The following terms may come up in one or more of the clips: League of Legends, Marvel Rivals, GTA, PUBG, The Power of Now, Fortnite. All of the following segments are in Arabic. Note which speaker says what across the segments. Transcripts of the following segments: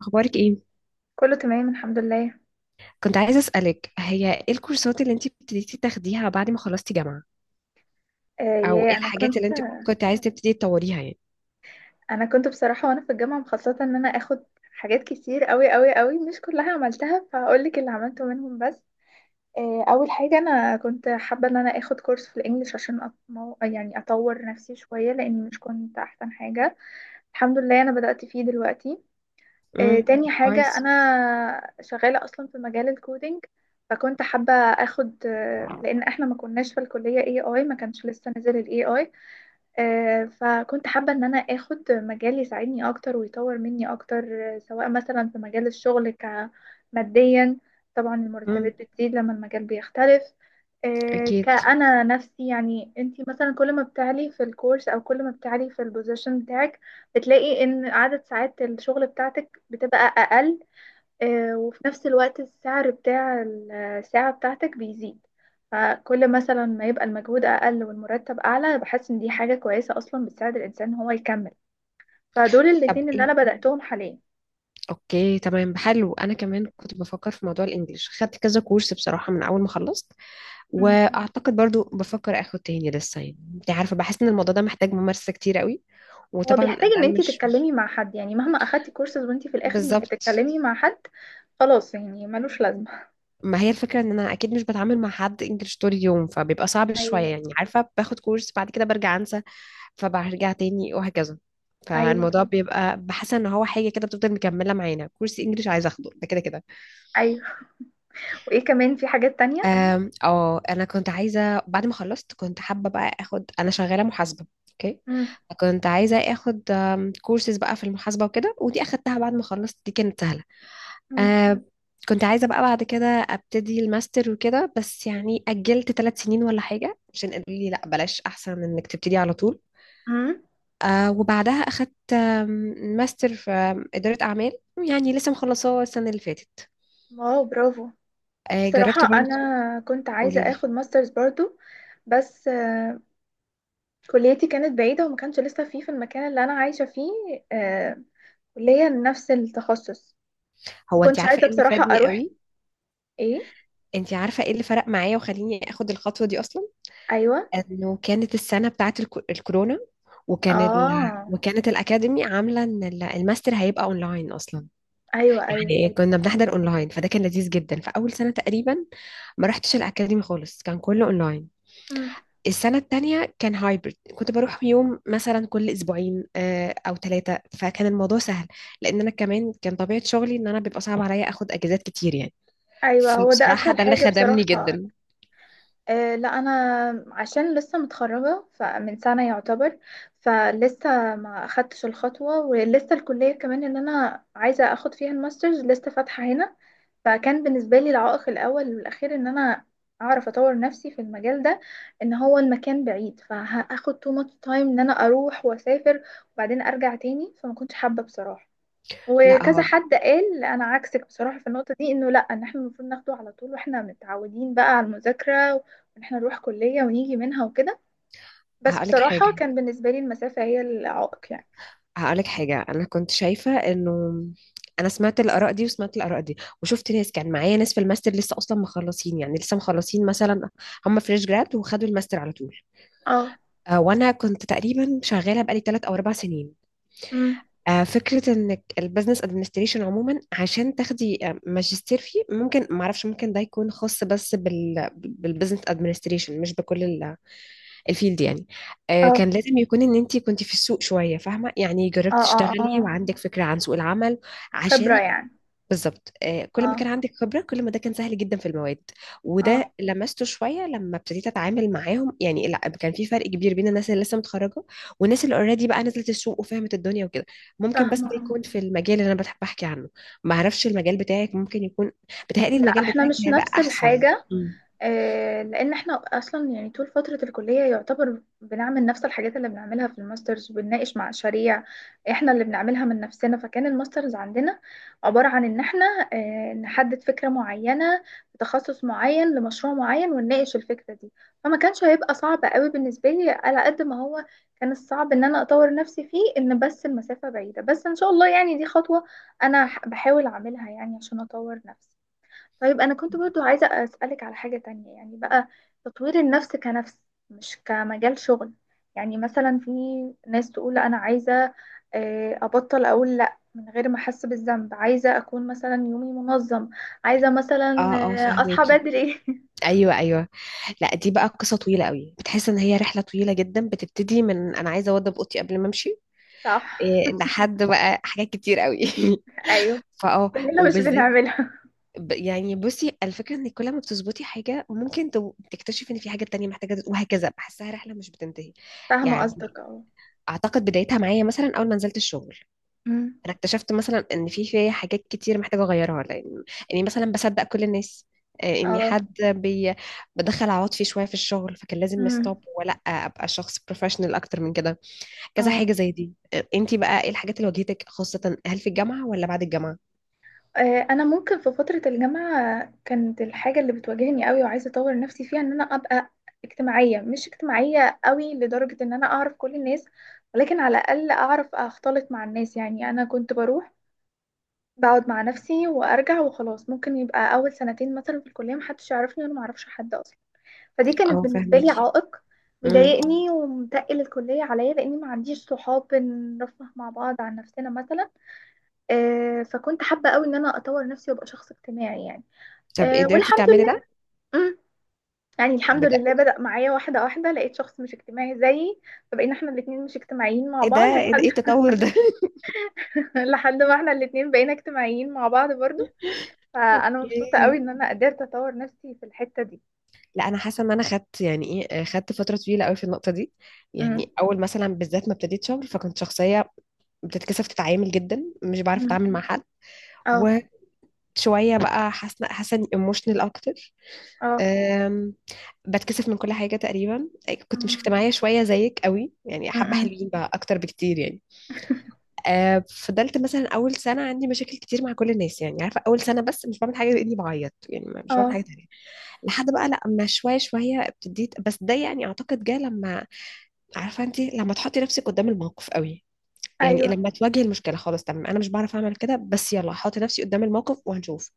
Speaker 1: اخبارك ايه؟
Speaker 2: كله تمام الحمد لله.
Speaker 1: كنت عايزه اسالك، هي ايه الكورسات اللي انت ابتديتي تاخديها بعد ما خلصتي جامعه؟
Speaker 2: آه
Speaker 1: او ايه
Speaker 2: يا انا
Speaker 1: الحاجات
Speaker 2: كنت
Speaker 1: اللي انت كنت عايزه تبتدي تطوريها يعني؟
Speaker 2: انا كنت بصراحه وانا في الجامعه مخططه ان انا اخد حاجات كتير قوي قوي قوي، مش كلها عملتها فهقول لك اللي عملته منهم بس. اول حاجه انا كنت حابه ان انا اخد كورس في الانجليش عشان يعني اطور نفسي شويه لاني مش كنت احسن حاجه. الحمد لله انا بدات فيه دلوقتي.
Speaker 1: امم.
Speaker 2: تاني حاجه
Speaker 1: كويس.
Speaker 2: انا شغاله اصلا في مجال الكودينج. فكنت حابه اخد، لان احنا ما كناش في الكليه اي اي، ما كانش لسه نزل الاي اي. فكنت حابة إن أنا آخد مجال يساعدني أكتر ويطور مني أكتر، سواء مثلا في مجال الشغل ماديا. طبعا
Speaker 1: امم.
Speaker 2: المرتبات بتزيد لما المجال بيختلف.
Speaker 1: اكيد.
Speaker 2: كأنا نفسي، يعني أنتي مثلا كل ما بتعلي في الكورس أو كل ما بتعلي في البوزيشن بتاعك بتلاقي إن عدد ساعات الشغل بتاعتك بتبقى أقل. وفي نفس الوقت السعر بتاع الساعة بتاعتك بيزيد. فكل مثلا ما يبقى المجهود أقل والمرتب أعلى بحس إن دي حاجة كويسة أصلا بتساعد الإنسان إن هو يكمل. فدول
Speaker 1: طب
Speaker 2: الاتنين اللي
Speaker 1: ايه
Speaker 2: أنا بدأتهم حاليا.
Speaker 1: اوكي، تمام، حلو. انا كمان كنت بفكر في موضوع الانجليش، خدت كذا كورس بصراحه من اول ما خلصت.
Speaker 2: مم.
Speaker 1: واعتقد برضو بفكر اخد تاني لسه، يعني انت عارفه، بحس ان الموضوع ده محتاج ممارسه كتير قوي.
Speaker 2: هو
Speaker 1: وطبعا
Speaker 2: بيحتاج
Speaker 1: ده
Speaker 2: إن أنتي
Speaker 1: مش
Speaker 2: تتكلمي مع حد، يعني مهما أخدتي كورسز وأنتي في الآخر مش
Speaker 1: بالظبط.
Speaker 2: بتتكلمي مع حد خلاص يعني ملوش لازمة.
Speaker 1: ما هي الفكرة ان انا اكيد مش بتعامل مع حد انجلش طول اليوم، فبيبقى صعب شوية،
Speaker 2: ايوه.
Speaker 1: يعني عارفة، باخد كورس بعد كده برجع انسى، فبرجع تاني وهكذا.
Speaker 2: أيوه،
Speaker 1: فالموضوع بيبقى، بحس ان هو حاجة كده بتفضل مكملة معانا. كورس انجلش عايزة اخده ده كده كده.
Speaker 2: أيوه. وإيه كمان في حاجات تانية؟
Speaker 1: أم، اه انا كنت عايزة، بعد ما خلصت كنت حابة بقى اخد، انا شغالة محاسبة اوكي.
Speaker 2: مم.
Speaker 1: كنت عايزة اخد كورسز بقى في المحاسبة وكده، ودي اخدتها بعد ما خلصت، دي كانت سهلة.
Speaker 2: مم.
Speaker 1: آه كنت عايزة بقى بعد كده أبتدي الماستر وكده، بس يعني أجلت 3 سنين ولا حاجة عشان قالوا لي لأ بلاش، أحسن من إنك تبتدي على طول.
Speaker 2: مم.
Speaker 1: وبعدها أخدت ماستر في إدارة أعمال، يعني لسه مخلصاه السنة اللي فاتت.
Speaker 2: واو، برافو. بصراحة
Speaker 1: جربت
Speaker 2: أنا
Speaker 1: برضه.
Speaker 2: كنت عايزة
Speaker 1: قولي لي.
Speaker 2: أخد ماسترز برضو. بس كليتي كانت بعيدة وما كانش لسه فيه في المكان اللي أنا عايشة فيه، آه، كلية نفس التخصص. ما
Speaker 1: هو أنت
Speaker 2: كنتش
Speaker 1: عارفة
Speaker 2: عايزة
Speaker 1: إيه اللي
Speaker 2: بصراحة
Speaker 1: فادني
Speaker 2: أروح.
Speaker 1: قوي؟
Speaker 2: إيه.
Speaker 1: أنت عارفة إيه اللي فرق معايا وخليني أخد الخطوة دي أصلا؟
Speaker 2: أيوة.
Speaker 1: إنه كانت السنة بتاعت الكورونا. وكان ال...
Speaker 2: آه.
Speaker 1: وكانت الأكاديمي عاملة إن الماستر هيبقى أونلاين أصلا،
Speaker 2: أيوة، أيوة.
Speaker 1: يعني كنا بنحضر اونلاين، فده كان لذيذ جدا. فاول سنه تقريبا ما رحتش الاكاديمي خالص، كان كله اونلاين.
Speaker 2: مم.
Speaker 1: السنه التانية كان هايبرد، كنت بروح يوم مثلا كل اسبوعين او ثلاثه، فكان الموضوع سهل، لان انا كمان كان طبيعه شغلي ان انا بيبقى صعب عليا اخد اجازات كتير يعني.
Speaker 2: أيوة، هو ده
Speaker 1: فبصراحه
Speaker 2: أسهل
Speaker 1: ده اللي
Speaker 2: حاجة
Speaker 1: خدمني
Speaker 2: بصراحة.
Speaker 1: جدا.
Speaker 2: لا انا عشان لسه متخرجه فمن سنه يعتبر، فلسه ما اخدتش الخطوه، ولسه الكليه كمان اللي انا عايزه اخد فيها الماسترز لسه فاتحه هنا. فكان بالنسبه لي العائق الاول والاخير ان انا اعرف اطور نفسي في المجال ده، ان هو المكان بعيد فهاخد too much time ان انا اروح واسافر وبعدين ارجع تاني، فما كنتش حابه بصراحه.
Speaker 1: لا
Speaker 2: وكذا
Speaker 1: هو.
Speaker 2: حد قال انا عكسك بصراحه في النقطه دي، انه لا، ان احنا المفروض ناخده على طول واحنا متعودين بقى على المذاكره، وان احنا نروح كليه ونيجي منها وكده. بس
Speaker 1: هقولك
Speaker 2: بصراحه
Speaker 1: حاجه
Speaker 2: كان بالنسبه لي المسافه هي العائق يعني.
Speaker 1: هقولك حاجة أنا كنت شايفة إنه أنا سمعت الآراء دي وسمعت الآراء دي، وشفت ناس كان معايا، ناس في الماستر لسه أصلا مخلصين، يعني لسه مخلصين مثلا، هم فريش جراد وخدوا الماستر على طول.
Speaker 2: اه.
Speaker 1: وأنا كنت تقريبا شغالة بقالي 3 أو 4 سنين.
Speaker 2: امم.
Speaker 1: فكرة إنك البزنس أدمنستريشن عموما، عشان تاخدي ماجستير فيه، ممكن معرفش، ممكن ده يكون خاص بس بالبزنس أدمنستريشن مش بكل الفيلد يعني.
Speaker 2: اه،
Speaker 1: كان لازم يكون ان انت كنت في السوق شويه فاهمه، يعني
Speaker 2: اه،
Speaker 1: جربت
Speaker 2: اه،
Speaker 1: تشتغلي
Speaker 2: اه.
Speaker 1: وعندك فكره عن سوق العمل
Speaker 2: خبره
Speaker 1: عشان.
Speaker 2: يعني.
Speaker 1: بالظبط. كل ما
Speaker 2: اه،
Speaker 1: كان عندك خبره كل ما ده كان سهل جدا في المواد.
Speaker 2: اه،
Speaker 1: وده لمسته شويه لما ابتديت اتعامل معاهم، يعني لا، كان في فرق كبير بين الناس اللي لسه متخرجه والناس اللي اوريدي بقى نزلت السوق وفهمت الدنيا وكده. ممكن بس
Speaker 2: فاهمه،
Speaker 1: ده
Speaker 2: اه.
Speaker 1: يكون في المجال اللي انا بحب احكي عنه. ما اعرفش المجال بتاعك ممكن يكون، بتهيألي
Speaker 2: لا
Speaker 1: المجال
Speaker 2: احنا
Speaker 1: بتاعك
Speaker 2: مش
Speaker 1: هيبقى
Speaker 2: نفس
Speaker 1: احسن.
Speaker 2: الحاجه.
Speaker 1: مم.
Speaker 2: لان احنا اصلا يعني طول فتره الكليه يعتبر بنعمل نفس الحاجات اللي بنعملها في الماسترز، وبنناقش مع مشاريع احنا اللي بنعملها من نفسنا، فكان الماسترز عندنا عباره عن ان احنا نحدد فكره معينه بتخصص معين لمشروع معين ونناقش الفكره دي. فما كانش هيبقى صعب قوي بالنسبه لي، على قد ما هو كان الصعب ان انا اطور نفسي فيه، ان بس المسافه بعيده، بس ان شاء الله يعني دي خطوه انا بحاول اعملها يعني عشان اطور نفسي. طيب أنا كنت برضو عايزة أسألك على حاجة تانية يعني بقى، تطوير النفس كنفس مش كمجال شغل. يعني مثلا في ناس تقول لا، أنا عايزة أبطل أقول لأ من غير ما أحس بالذنب، عايزة أكون مثلا يومي منظم، عايزة مثلا
Speaker 1: اه، اه،
Speaker 2: أصحى
Speaker 1: فهماكي.
Speaker 2: بدري.
Speaker 1: ايوه، ايوه. لا، دي بقى قصة طويلة قوي، بتحس ان هي رحلة طويلة جدا، بتبتدي من انا عايزة اوضب اوضتي قبل ما امشي.
Speaker 2: صح.
Speaker 1: إيه، لحد بقى حاجات كتير قوي.
Speaker 2: أيوه، كلنا مش
Speaker 1: وبالذات،
Speaker 2: بنعملها.
Speaker 1: يعني بصي الفكرة ان كل ما بتظبطي حاجة ممكن تكتشفي ان في حاجة تانية محتاجة وهكذا، بحسها رحلة مش بتنتهي.
Speaker 2: فاهمة
Speaker 1: يعني
Speaker 2: قصدك، اه.
Speaker 1: اعتقد بدايتها معايا مثلا اول ما نزلت الشغل،
Speaker 2: أمم.
Speaker 1: انا اكتشفت مثلا ان في فيا حاجات كتير محتاجه اغيرها، لان اني مثلا بصدق كل الناس، اني
Speaker 2: اه.
Speaker 1: بدخل عواطفي فيه شويه في الشغل، فكان لازم
Speaker 2: أمم.
Speaker 1: ستوب ولا ابقى شخص بروفيشنال اكتر من كده. كذا
Speaker 2: اه.
Speaker 1: حاجه زي دي. انتي بقى ايه الحاجات اللي واجهتك، خاصه هل في الجامعه ولا بعد الجامعه؟
Speaker 2: انا ممكن في فتره الجامعه كانت الحاجه اللي بتواجهني قوي وعايزه اطور نفسي فيها ان انا ابقى اجتماعيه، مش اجتماعيه قوي لدرجه ان انا اعرف كل الناس، ولكن على الاقل اعرف اختلط مع الناس. يعني انا كنت بروح بقعد مع نفسي وارجع وخلاص. ممكن يبقى اول سنتين مثلا في الكليه محدش يعرفني وانا معرفش حد اصلا. فدي كانت
Speaker 1: اه،
Speaker 2: بالنسبه لي
Speaker 1: فاهماكي.
Speaker 2: عائق،
Speaker 1: امم.
Speaker 2: مضايقني ومتقل الكليه عليا لاني ما عنديش صحاب نرفه مع بعض عن نفسنا مثلا. فكنت حابه قوي ان انا اطور نفسي وابقى شخص اجتماعي يعني.
Speaker 1: طب
Speaker 2: آه،
Speaker 1: قدرتي
Speaker 2: والحمد
Speaker 1: تعملي
Speaker 2: لله.
Speaker 1: ده؟
Speaker 2: مم. يعني الحمد
Speaker 1: بجد؟
Speaker 2: لله بدأ معايا واحدة واحدة، لقيت شخص مش اجتماعي زيي، فبقينا احنا الاتنين مش اجتماعيين مع
Speaker 1: ايه ده،
Speaker 2: بعض
Speaker 1: ايه ده؟ إيه
Speaker 2: لحد.
Speaker 1: التطور ده؟
Speaker 2: لحد ما احنا الاتنين بقينا اجتماعيين مع بعض برضو. فأنا مبسوطة قوي
Speaker 1: اوكي.
Speaker 2: ان انا قدرت اطور نفسي في الحتة دي.
Speaker 1: لا، انا حاسه ان انا خدت يعني ايه آه، خدت فتره طويله قوي في النقطه دي.
Speaker 2: مم.
Speaker 1: يعني اول مثلا بالذات ما ابتديت شغل، فكنت شخصيه بتتكسف تتعامل جدا، مش بعرف
Speaker 2: مم.
Speaker 1: اتعامل مع حد.
Speaker 2: اه.
Speaker 1: وشويه بقى حاسه اني ايموشنال اكتر.
Speaker 2: اه.
Speaker 1: أم، بتكسف من كل حاجه تقريبا، كنت مش
Speaker 2: مم.
Speaker 1: اجتماعيه شويه زيك قوي يعني، حبه
Speaker 2: مم.
Speaker 1: حلوين بقى اكتر بكتير يعني. فضلت مثلا اول سنه عندي مشاكل كتير مع كل الناس، يعني عارفه اول سنه بس مش بعمل حاجه غير اني بعيط، يعني مش بعمل
Speaker 2: اه.
Speaker 1: حاجه تانية. لحد بقى لما شويه شويه ابتديت، بس ده يعني اعتقد جه لما، عارفه انت لما تحطي نفسك قدام الموقف قوي، يعني
Speaker 2: ايوه،
Speaker 1: لما تواجه المشكله، خلاص تمام، انا مش بعرف اعمل كده، بس يلا هحط نفسي قدام الموقف وهنشوف.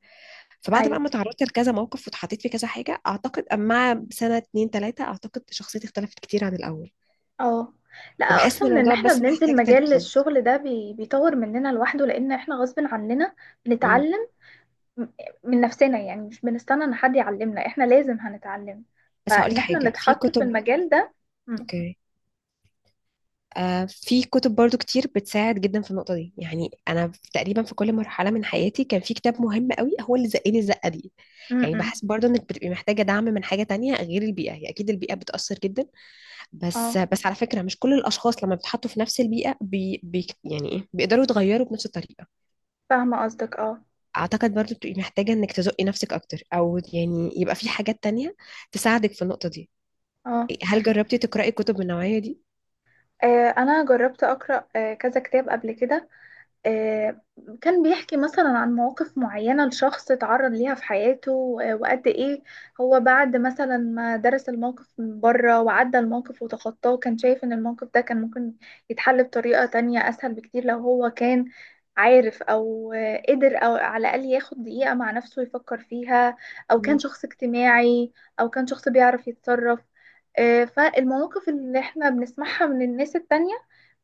Speaker 1: فبعد
Speaker 2: ايوه.
Speaker 1: بقى ما تعرضت لكذا موقف واتحطيت في كذا حاجه، اعتقد مع سنه اتنين تلاته، اعتقد شخصيتي اختلفت كتير عن الاول.
Speaker 2: اه، لا
Speaker 1: فبحس ان
Speaker 2: اصلا ان
Speaker 1: الموضوع
Speaker 2: احنا
Speaker 1: بس
Speaker 2: بننزل
Speaker 1: محتاج
Speaker 2: مجال
Speaker 1: تركيز.
Speaker 2: الشغل ده بيطور مننا لوحده لان احنا غصب عننا
Speaker 1: مم.
Speaker 2: بنتعلم م- من نفسنا، يعني مش بنستنى ان حد يعلمنا، احنا لازم هنتعلم.
Speaker 1: بس هقولك
Speaker 2: فان احنا صح
Speaker 1: حاجه في
Speaker 2: نتحط في
Speaker 1: كتب.
Speaker 2: المجال ده. م-
Speaker 1: اوكي. في كتب برضو كتير بتساعد جدا في النقطه دي، يعني انا تقريبا في كل مرحله من حياتي كان في كتاب مهم قوي هو اللي زقني الزقه دي.
Speaker 2: م-
Speaker 1: يعني
Speaker 2: م.
Speaker 1: بحس برضو انك بتبقي محتاجه دعم من حاجه تانية غير البيئه، هي اكيد البيئه بتاثر جدا. بس
Speaker 2: اه،
Speaker 1: بس على فكرة مش كل الأشخاص لما بيتحطوا في نفس البيئة بي بي يعني إيه، بيقدروا يتغيروا بنفس الطريقة.
Speaker 2: فاهمة قصدك، اه،
Speaker 1: أعتقد برضو بتبقي محتاجة إنك تزقي نفسك أكتر، أو يعني يبقى في حاجات تانية تساعدك في النقطة دي.
Speaker 2: اه.
Speaker 1: هل جربتي تقرأي كتب من النوعية دي؟
Speaker 2: انا جربت اقرا كذا كتاب قبل كده. آه، كان بيحكي مثلا عن مواقف معينة لشخص اتعرض ليها في حياته، وقد ايه هو بعد مثلا ما درس الموقف من بره وعدى الموقف وتخطاه كان شايف ان الموقف ده كان ممكن يتحل بطريقة تانية اسهل بكتير لو هو كان عارف او قدر، او على الاقل ياخد دقيقة مع نفسه يفكر فيها، او كان
Speaker 1: مم.
Speaker 2: شخص اجتماعي، او كان شخص بيعرف يتصرف. فالمواقف اللي احنا بنسمعها من الناس التانية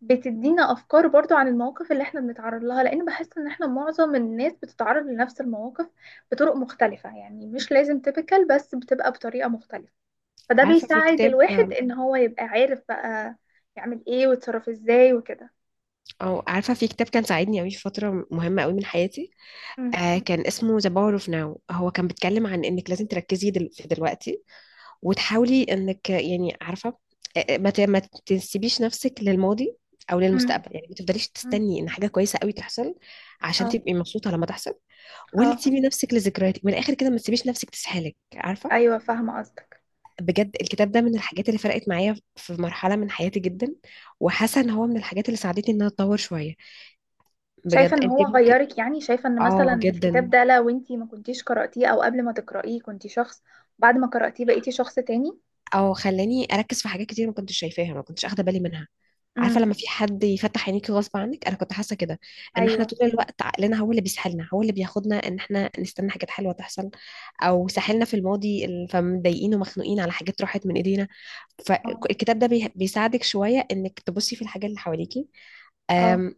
Speaker 2: بتدينا افكار برضو عن المواقف اللي احنا بنتعرض لها، لان بحس ان احنا معظم الناس بتتعرض لنفس المواقف بطرق مختلفة، يعني مش لازم تيبيكال، بس بتبقى بطريقة مختلفة. فده
Speaker 1: عارفة في
Speaker 2: بيساعد
Speaker 1: كتاب
Speaker 2: الواحد ان هو يبقى عارف بقى يعمل ايه ويتصرف ازاي وكده.
Speaker 1: عارفة في كتاب كان ساعدني أوي في فترة مهمة أوي من حياتي.
Speaker 2: مم.
Speaker 1: كان اسمه The Power of Now، هو كان بيتكلم عن إنك لازم تركزي في دلوقتي، وتحاولي انك، يعني عارفه، ما تسيبيش نفسك للماضي او
Speaker 2: مم.
Speaker 1: للمستقبل، يعني ما تفضليش
Speaker 2: مم.
Speaker 1: تستني ان حاجه كويسه قوي تحصل عشان
Speaker 2: اه.
Speaker 1: تبقي مبسوطه لما تحصل، ولا
Speaker 2: اه.
Speaker 1: تسيبي نفسك لذكرياتك. من الاخر كده ما تسيبيش نفسك تسحلك، عارفه.
Speaker 2: ايوه، فاهمة قصدك.
Speaker 1: بجد الكتاب ده من الحاجات اللي فرقت معايا في مرحله من حياتي جدا، وحاسه ان هو من الحاجات اللي ساعدتني ان انا اتطور شويه.
Speaker 2: شايفة
Speaker 1: بجد
Speaker 2: ان
Speaker 1: انت
Speaker 2: هو
Speaker 1: ممكن.
Speaker 2: غيرك، يعني شايفة ان مثلا
Speaker 1: اه،
Speaker 2: الكتاب
Speaker 1: جدا.
Speaker 2: ده لو انتي ما كنتيش قرأتيه او قبل ما تقرأيه كنتي شخص، بعد ما قرأتيه بقيتي شخص تاني.
Speaker 1: او خلاني اركز في حاجات كتير ما كنتش شايفاها، ما كنتش اخده بالي منها. عارفه
Speaker 2: امم.
Speaker 1: لما في حد يفتح عينيكي غصب عنك، انا كنت حاسه كده ان احنا
Speaker 2: ايوه.
Speaker 1: طول الوقت عقلنا هو اللي بيسحلنا، هو اللي بياخدنا ان احنا نستنى حاجات حلوه تحصل، او ساحلنا في الماضي فمضايقين ومخنوقين على حاجات راحت من ايدينا.
Speaker 2: اه.
Speaker 1: فالكتاب ده بيساعدك شويه انك تبصي في الحاجات اللي حواليكي.
Speaker 2: اه،
Speaker 1: أم،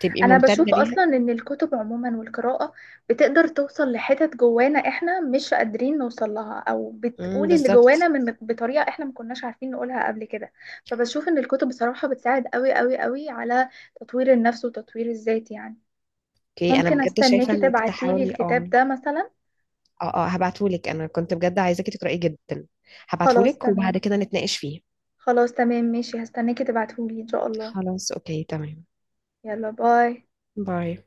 Speaker 1: تبقي
Speaker 2: انا
Speaker 1: ممتنه
Speaker 2: بشوف اصلا
Speaker 1: ليها.
Speaker 2: ان الكتب عموما والقراءة بتقدر توصل لحتت جوانا احنا مش قادرين نوصل لها، او بتقول اللي جوانا
Speaker 1: بالظبط.
Speaker 2: من بطريقة احنا ما كناش عارفين نقولها قبل كده. فبشوف ان الكتب بصراحة بتساعد قوي قوي قوي على تطوير النفس وتطوير الذات يعني.
Speaker 1: اوكي، انا
Speaker 2: ممكن
Speaker 1: بجد شايفه
Speaker 2: استناكي
Speaker 1: انك
Speaker 2: تبعتيلي
Speaker 1: تحاولي،
Speaker 2: الكتاب
Speaker 1: اه.
Speaker 2: ده مثلا.
Speaker 1: اه، اه، هبعتهولك. انا كنت بجد عايزاكي تقرأيه جدا،
Speaker 2: خلاص
Speaker 1: هبعتهولك
Speaker 2: تمام.
Speaker 1: وبعد كده نتناقش فيه.
Speaker 2: خلاص تمام ماشي، هستناكي تبعتهولي ان شاء الله.
Speaker 1: خلاص، اوكي، تمام.
Speaker 2: يلا، باي.
Speaker 1: باي.